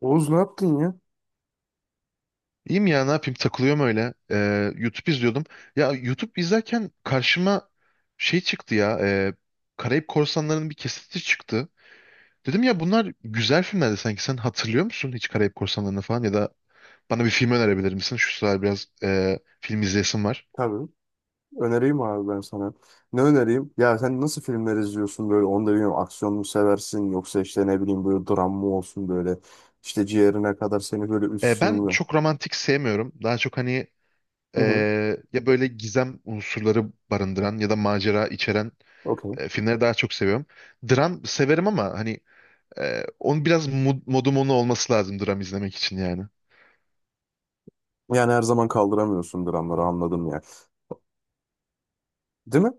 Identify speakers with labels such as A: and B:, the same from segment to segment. A: Oğuz ne yaptın ya?
B: İyiyim ya ne yapayım takılıyorum öyle. YouTube izliyordum. Ya YouTube izlerken karşıma şey çıktı ya. Karayip Korsanları'nın bir kesiti çıktı. Dedim ya bunlar güzel filmlerdi sanki. Sen hatırlıyor musun hiç Karayip Korsanları'nı falan? Ya da bana bir film önerebilir misin? Şu sıralar biraz film izleyesim var.
A: Tabii. Önereyim abi ben sana. Ne önereyim? Ya sen nasıl filmler izliyorsun böyle, onu da bilmiyorum. Aksiyon mu seversin, yoksa işte ne bileyim, böyle dram mı olsun böyle? İşte ciğerine kadar seni böyle üssün
B: Ben
A: mü?
B: çok romantik sevmiyorum. Daha çok hani
A: Hı
B: e,
A: hı.
B: ya böyle gizem unsurları barındıran ya da macera içeren
A: Okey.
B: filmleri daha çok seviyorum. Dram severim ama hani onun biraz modum onu olması lazım dram izlemek için yani.
A: Yani her zaman kaldıramıyorsun dramları, anladım ya. Değil mi?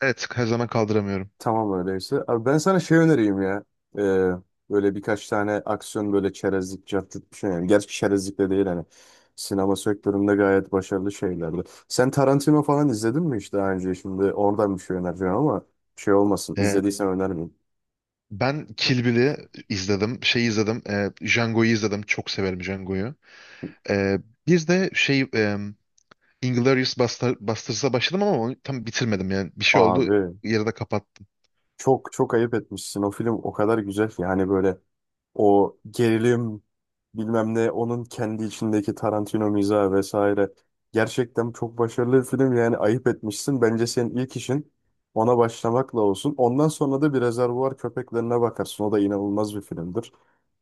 B: Evet her zaman kaldıramıyorum.
A: Tamam öyleyse. Abi ben sana şey önereyim ya. Ee, Böyle birkaç tane aksiyon, böyle çerezlik, cartçuk bir şey. Yani. Gerçi çerezlik de değil hani. Sinema sektöründe gayet başarılı şeylerdi. Sen Tarantino falan izledin mi hiç daha önce? Şimdi oradan bir şey önereceğim ama şey olmasın.
B: Ee,
A: İzlediysen önermeyeyim.
B: ben Kill Bill'i izledim. Şey izledim. Django'yu izledim. Çok severim Django'yu. Ee, bir de şey Basterds'a başladım ama onu tam bitirmedim yani. Bir şey oldu
A: Abi
B: yarıda kapattım.
A: çok çok ayıp etmişsin. O film o kadar güzel ki. Hani böyle o gerilim, bilmem ne, onun kendi içindeki Tarantino mizahı vesaire. Gerçekten çok başarılı bir film yani, ayıp etmişsin. Bence senin ilk işin ona başlamakla olsun. Ondan sonra da bir Rezervuar Köpeklerine bakarsın. O da inanılmaz bir filmdir.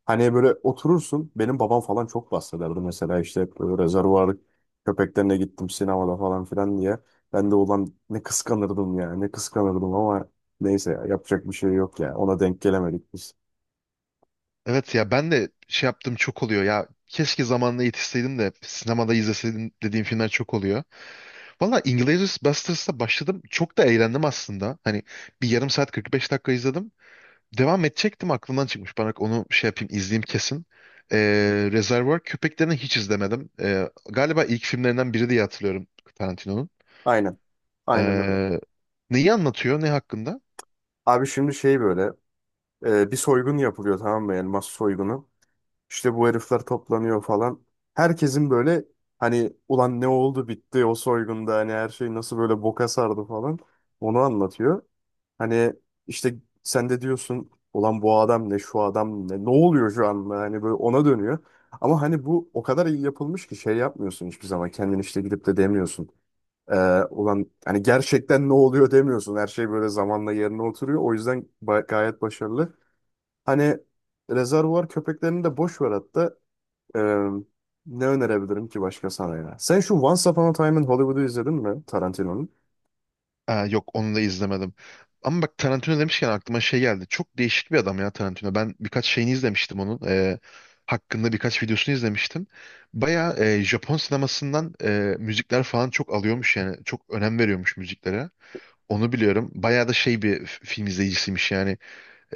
A: Hani böyle oturursun. Benim babam falan çok bahsederdi mesela, işte hep böyle Rezervuar Köpeklerine gittim sinemada falan filan diye. Ben de ulan ne kıskanırdım ya, ne kıskanırdım ama neyse ya, yapacak bir şey yok ya. Ona denk gelemedik biz.
B: Evet ya ben de şey yaptığım çok oluyor ya. Keşke zamanında yetişseydim de sinemada izleseydim dediğim filmler çok oluyor. Valla Inglourious Basterds'la başladım. Çok da eğlendim aslında. Hani bir yarım saat 45 dakika izledim. Devam edecektim aklımdan çıkmış. Bana onu şey yapayım izleyeyim kesin. Reservoir Köpeklerini hiç izlemedim. Galiba ilk filmlerinden biri diye hatırlıyorum Tarantino'nun.
A: Aynen. Aynen öyle.
B: Ee, neyi anlatıyor? Ne hakkında?
A: Abi şimdi şey böyle, bir soygun yapılıyor, tamam mı? Yani mas soygunu. İşte bu herifler toplanıyor falan. Herkesin böyle hani, ulan ne oldu bitti o soygunda, hani her şey nasıl böyle boka sardı falan. Onu anlatıyor. Hani işte sen de diyorsun, ulan bu adam ne, şu adam ne, ne oluyor şu anda, hani böyle ona dönüyor. Ama hani bu o kadar iyi yapılmış ki şey yapmıyorsun, hiçbir zaman kendini işte gidip de demiyorsun. Ee, Ulan hani gerçekten ne oluyor demiyorsun. Her şey böyle zamanla yerine oturuyor. O yüzden gayet başarılı. Hani rezervuar köpeklerini de boş ver hatta. Ee, Ne önerebilirim ki başka sana ya? Sen şu Once Upon a Time in Hollywood'u izledin mi, Tarantino'nun?
B: Aa, yok onu da izlemedim. Ama bak Tarantino demişken aklıma şey geldi. Çok değişik bir adam ya Tarantino. Ben birkaç şeyini izlemiştim onun. Hakkında birkaç videosunu izlemiştim. Baya Japon sinemasından müzikler falan çok alıyormuş yani. Çok önem veriyormuş müziklere. Onu biliyorum. Bayağı da şey bir film izleyicisiymiş yani.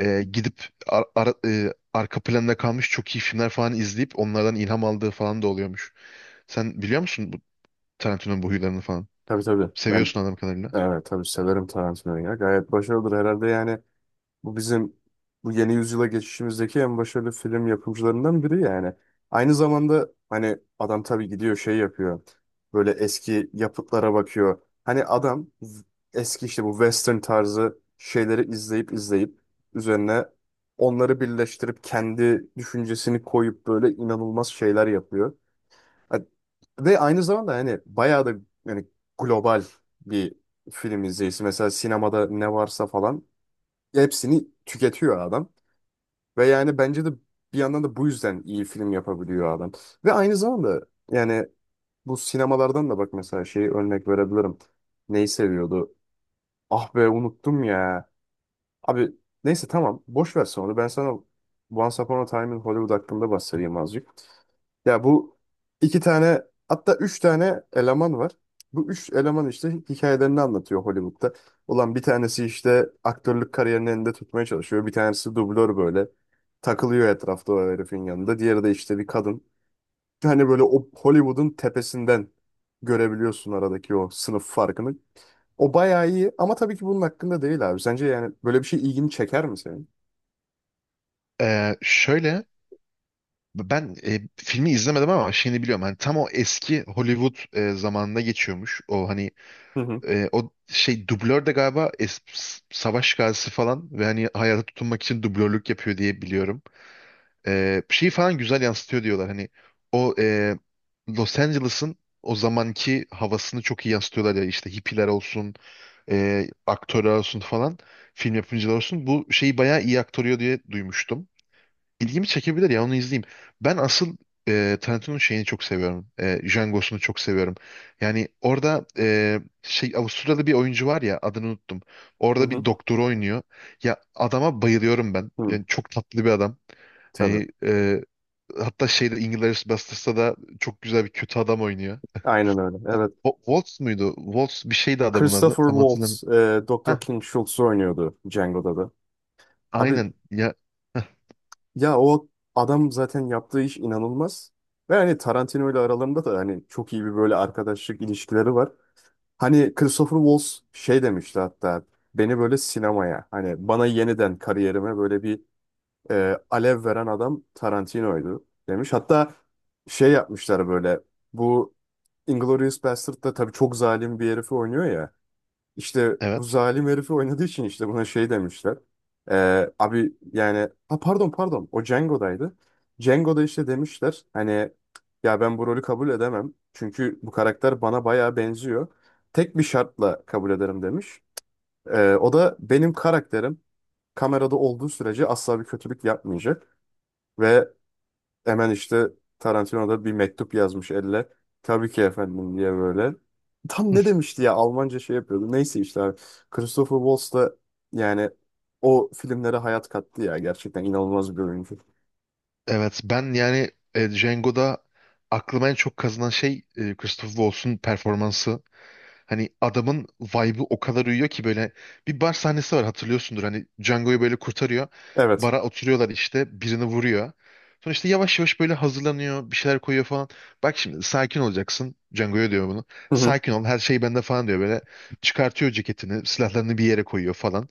B: Gidip arka planda kalmış çok iyi filmler falan izleyip onlardan ilham aldığı falan da oluyormuş. Sen biliyor musun bu Tarantino'nun bu huylarını falan?
A: Tabii tabii. Ben,
B: Seviyorsun adam kadarıyla.
A: evet, tabii severim Tarantino'yu ya. Gayet başarılıdır herhalde yani. Bu bizim bu yeni yüzyıla geçişimizdeki en başarılı film yapımcılarından biri yani. Aynı zamanda hani adam tabii gidiyor şey yapıyor. Böyle eski yapıtlara bakıyor. Hani adam eski işte bu western tarzı şeyleri izleyip izleyip üzerine onları birleştirip kendi düşüncesini koyup böyle inanılmaz şeyler yapıyor. Ha- Ve aynı zamanda hani bayağı da, yani, global bir film izleyicisi. Mesela sinemada ne varsa falan hepsini tüketiyor adam. Ve yani bence de bir yandan da bu yüzden iyi film yapabiliyor adam. Ve aynı zamanda, yani, bu sinemalardan da bak, mesela şeyi örnek verebilirim. Neyi seviyordu? Ah be unuttum ya. Abi neyse tamam, boş ver onu. Ben sana Once Upon a Time in Hollywood hakkında bahsedeyim azıcık. Ya bu iki tane, hatta üç tane eleman var. Bu üç eleman işte hikayelerini anlatıyor Hollywood'da. Ulan bir tanesi işte aktörlük kariyerini elinde tutmaya çalışıyor. Bir tanesi dublör, böyle takılıyor etrafta o herifin yanında. Diğeri de işte bir kadın. Hani böyle o Hollywood'un tepesinden görebiliyorsun aradaki o sınıf farkını. O bayağı iyi ama tabii ki bunun hakkında değil abi. Sence yani böyle bir şey ilgini çeker mi senin?
B: Şöyle ben filmi izlemedim ama şeyini biliyorum. Hani tam o eski Hollywood zamanında geçiyormuş. O hani
A: Hı hı,
B: o şey dublör de galiba savaş gazisi falan ve hani hayata tutunmak için dublörlük yapıyor diye biliyorum. E, şeyi falan güzel yansıtıyor diyorlar. Hani o Los Angeles'ın o zamanki havasını çok iyi yansıtıyorlar ya işte hippiler olsun, aktörler olsun falan, film yapımcılar olsun. Bu şeyi bayağı iyi aktarıyor diye duymuştum. İlgimi çekebilir ya onu izleyeyim. Ben asıl Tarantino'nun şeyini çok seviyorum. E, Django'sunu çok seviyorum. Yani orada şey Avustralyalı bir oyuncu var ya adını unuttum.
A: hı
B: Orada
A: hı.
B: bir doktor oynuyor. Ya adama bayılıyorum ben.
A: Hı,
B: Yani çok tatlı bir adam.
A: tabii.
B: Hani hatta şeyde Inglourious Basterds'ta da çok güzel bir kötü adam oynuyor.
A: Aynen öyle.
B: Wo-
A: Evet.
B: Waltz muydu? Waltz bir şeydi adamın adı.
A: Christopher
B: Tam
A: Waltz,
B: hatırlamıyorum.
A: Dr.
B: Heh,
A: King Schultz'u oynuyordu Django'da da. Abi
B: aynen. Ya, heh,
A: ya o adam zaten yaptığı iş inanılmaz. Ve hani Tarantino ile aralarında da hani çok iyi bir böyle arkadaşlık ilişkileri var. Hani Christopher Waltz şey demişti hatta, beni böyle sinemaya, hani bana yeniden kariyerime böyle bir alev veren adam Tarantino'ydu demiş. Hatta şey yapmışlar böyle, bu Inglourious Basterd'da tabii çok zalim bir herifi oynuyor ya. İşte bu
B: evet.
A: zalim herifi oynadığı için işte buna şey demişler. Abi yani, ha pardon pardon, o Django'daydı. Django'da işte demişler hani, ya ben bu rolü kabul edemem. Çünkü bu karakter bana bayağı benziyor. Tek bir şartla kabul ederim demiş. O da, benim karakterim kamerada olduğu sürece asla bir kötülük yapmayacak. Ve hemen işte Tarantino da bir mektup yazmış elle. Tabii ki efendim diye böyle. Tam ne demişti ya, Almanca şey yapıyordu. Neyse işte abi. Christopher Waltz da, yani, o filmlere hayat kattı ya. Gerçekten inanılmaz bir oyuncu.
B: Evet ben yani Django'da aklıma en çok kazınan şey Christopher Waltz'un performansı. Hani adamın vibe'ı o kadar uyuyor ki böyle bir bar sahnesi var hatırlıyorsundur. Hani Django'yu böyle kurtarıyor.
A: Evet.
B: Bara oturuyorlar işte birini vuruyor. Sonra işte yavaş yavaş böyle hazırlanıyor bir şeyler koyuyor falan. Bak şimdi sakin olacaksın. Django'ya diyor bunu.
A: Hı hı.
B: Sakin ol her şey bende falan diyor böyle. Çıkartıyor ceketini silahlarını bir yere koyuyor falan.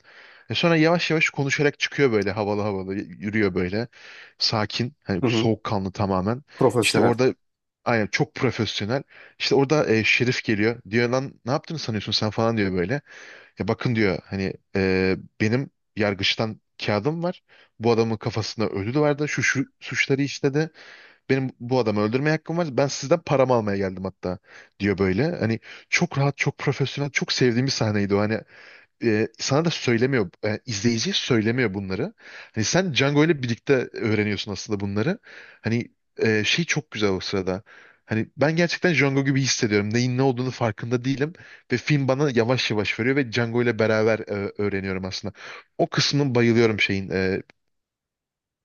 B: E sonra yavaş yavaş konuşarak çıkıyor böyle havalı havalı yürüyor böyle. Sakin hani
A: Hı hı.
B: soğukkanlı tamamen. İşte
A: Profesyonel.
B: orada aynen çok profesyonel. İşte orada Şerif geliyor. Diyor lan ne yaptığını sanıyorsun sen falan diyor böyle. Ya bakın diyor hani benim yargıçtan kağıdım var. Bu adamın kafasında ödül vardı. Şu suçları işledi. Benim bu adamı öldürmeye hakkım var. Ben sizden paramı almaya geldim hatta diyor böyle. Hani çok rahat, çok profesyonel, çok sevdiğim bir sahneydi o. Hani sana da söylemiyor, izleyiciye söylemiyor bunları. Hani sen Django ile birlikte öğreniyorsun aslında bunları. Hani şey çok güzel o sırada. Hani ben gerçekten Django gibi hissediyorum. Neyin ne olduğunu farkında değilim. Ve film bana yavaş yavaş veriyor ve Django ile beraber öğreniyorum aslında. O kısmını bayılıyorum şeyin.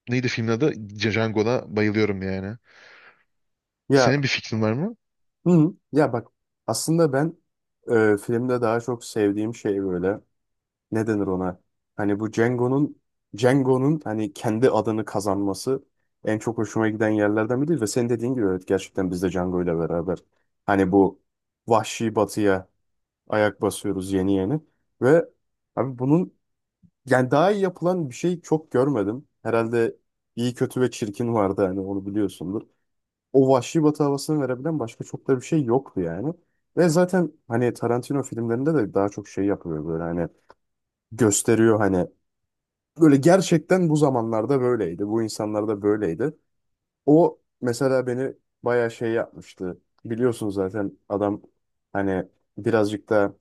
B: Neydi filmin adı? Django'da bayılıyorum yani.
A: Ya,
B: Senin bir fikrin var mı?
A: hı hı. Ya bak, aslında ben filmde daha çok sevdiğim şey böyle. Ne denir ona? Hani bu Django'nun hani kendi adını kazanması en çok hoşuma giden yerlerden biri, ve senin dediğin gibi, evet, gerçekten biz de Django ile beraber hani bu vahşi batıya ayak basıyoruz yeni yeni. Ve abi bunun, yani, daha iyi yapılan bir şey çok görmedim. Herhalde iyi kötü ve çirkin vardı, hani onu biliyorsundur. O vahşi batı havasını verebilen başka çok da bir şey yoktu yani. Ve zaten hani Tarantino filmlerinde de daha çok şey yapıyor böyle, hani gösteriyor, hani böyle gerçekten bu zamanlarda böyleydi. Bu insanlarda böyleydi. O mesela beni bayağı şey yapmıştı. Biliyorsun zaten adam hani birazcık da,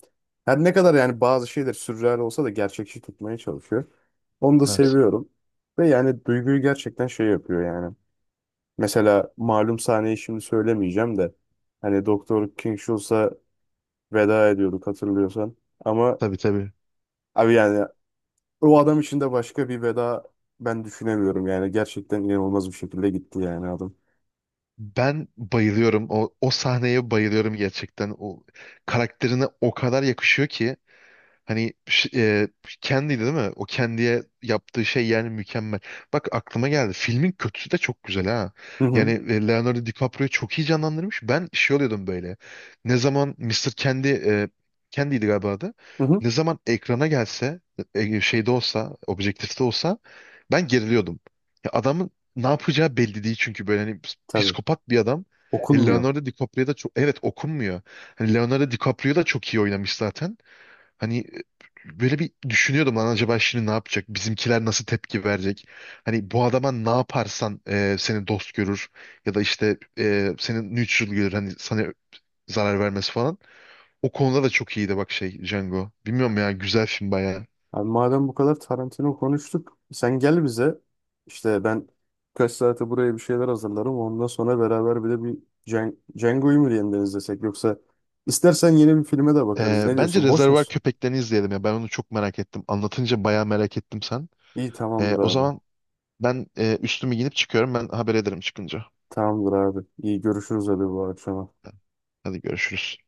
A: her ne kadar yani bazı şeyler sürreal olsa da gerçekçi tutmaya çalışıyor. Onu da
B: Evet.
A: seviyorum. Ve yani duyguyu gerçekten şey yapıyor yani. Mesela malum sahneyi şimdi söylemeyeceğim de, hani Doktor King Schultz'a veda ediyorduk hatırlıyorsan. Ama
B: Tabii tabii.
A: abi yani, o adam için de başka bir veda ben düşünemiyorum yani. Gerçekten inanılmaz bir şekilde gitti yani adam.
B: Ben bayılıyorum. O sahneye bayılıyorum gerçekten. O karakterine o kadar yakışıyor ki. Hani kendiydi değil mi? O kendiye yaptığı şey yani mükemmel. Bak aklıma geldi. Filmin kötüsü de çok güzel ha.
A: Hı
B: Yani
A: hı.
B: Leonardo DiCaprio'yu çok iyi canlandırmış. Ben şey oluyordum böyle. Ne zaman Mister Kendi Kendi'ydi galiba adı.
A: Hı hı.
B: Ne zaman ekrana gelse, şeyde olsa, objektifte olsa ben geriliyordum. Ya adamın ne yapacağı belli değil çünkü böyle hani
A: Tabii.
B: psikopat bir adam.
A: Okunmuyor.
B: Leonardo DiCaprio da çok evet okunmuyor. Hani Leonardo DiCaprio da çok iyi oynamış zaten. Hani böyle bir düşünüyordum lan acaba şimdi ne yapacak? Bizimkiler nasıl tepki verecek? Hani bu adama ne yaparsan seni dost görür ya da işte seni neutral görür. Hani sana zarar vermesi falan. O konuda da çok iyiydi bak şey Django. Bilmiyorum ya güzel film bayağı.
A: Abi madem bu kadar Tarantino konuştuk, sen gel bize. İşte ben kaç saate buraya bir şeyler hazırlarım. Ondan sonra beraber bir de bir Django'yu mu yeniden izlesek, yoksa istersen yeni bir filme de bakarız. Ne
B: Bence
A: diyorsun? Boş
B: Rezervuar
A: musun?
B: Köpeklerini izleyelim ya. Ben onu çok merak ettim. Anlatınca bayağı merak ettim sen.
A: İyi, tamamdır
B: O
A: abi.
B: zaman ben üstümü giyinip çıkıyorum. Ben haber ederim çıkınca.
A: Tamamdır abi. İyi görüşürüz abi, bu akşama.
B: Hadi görüşürüz.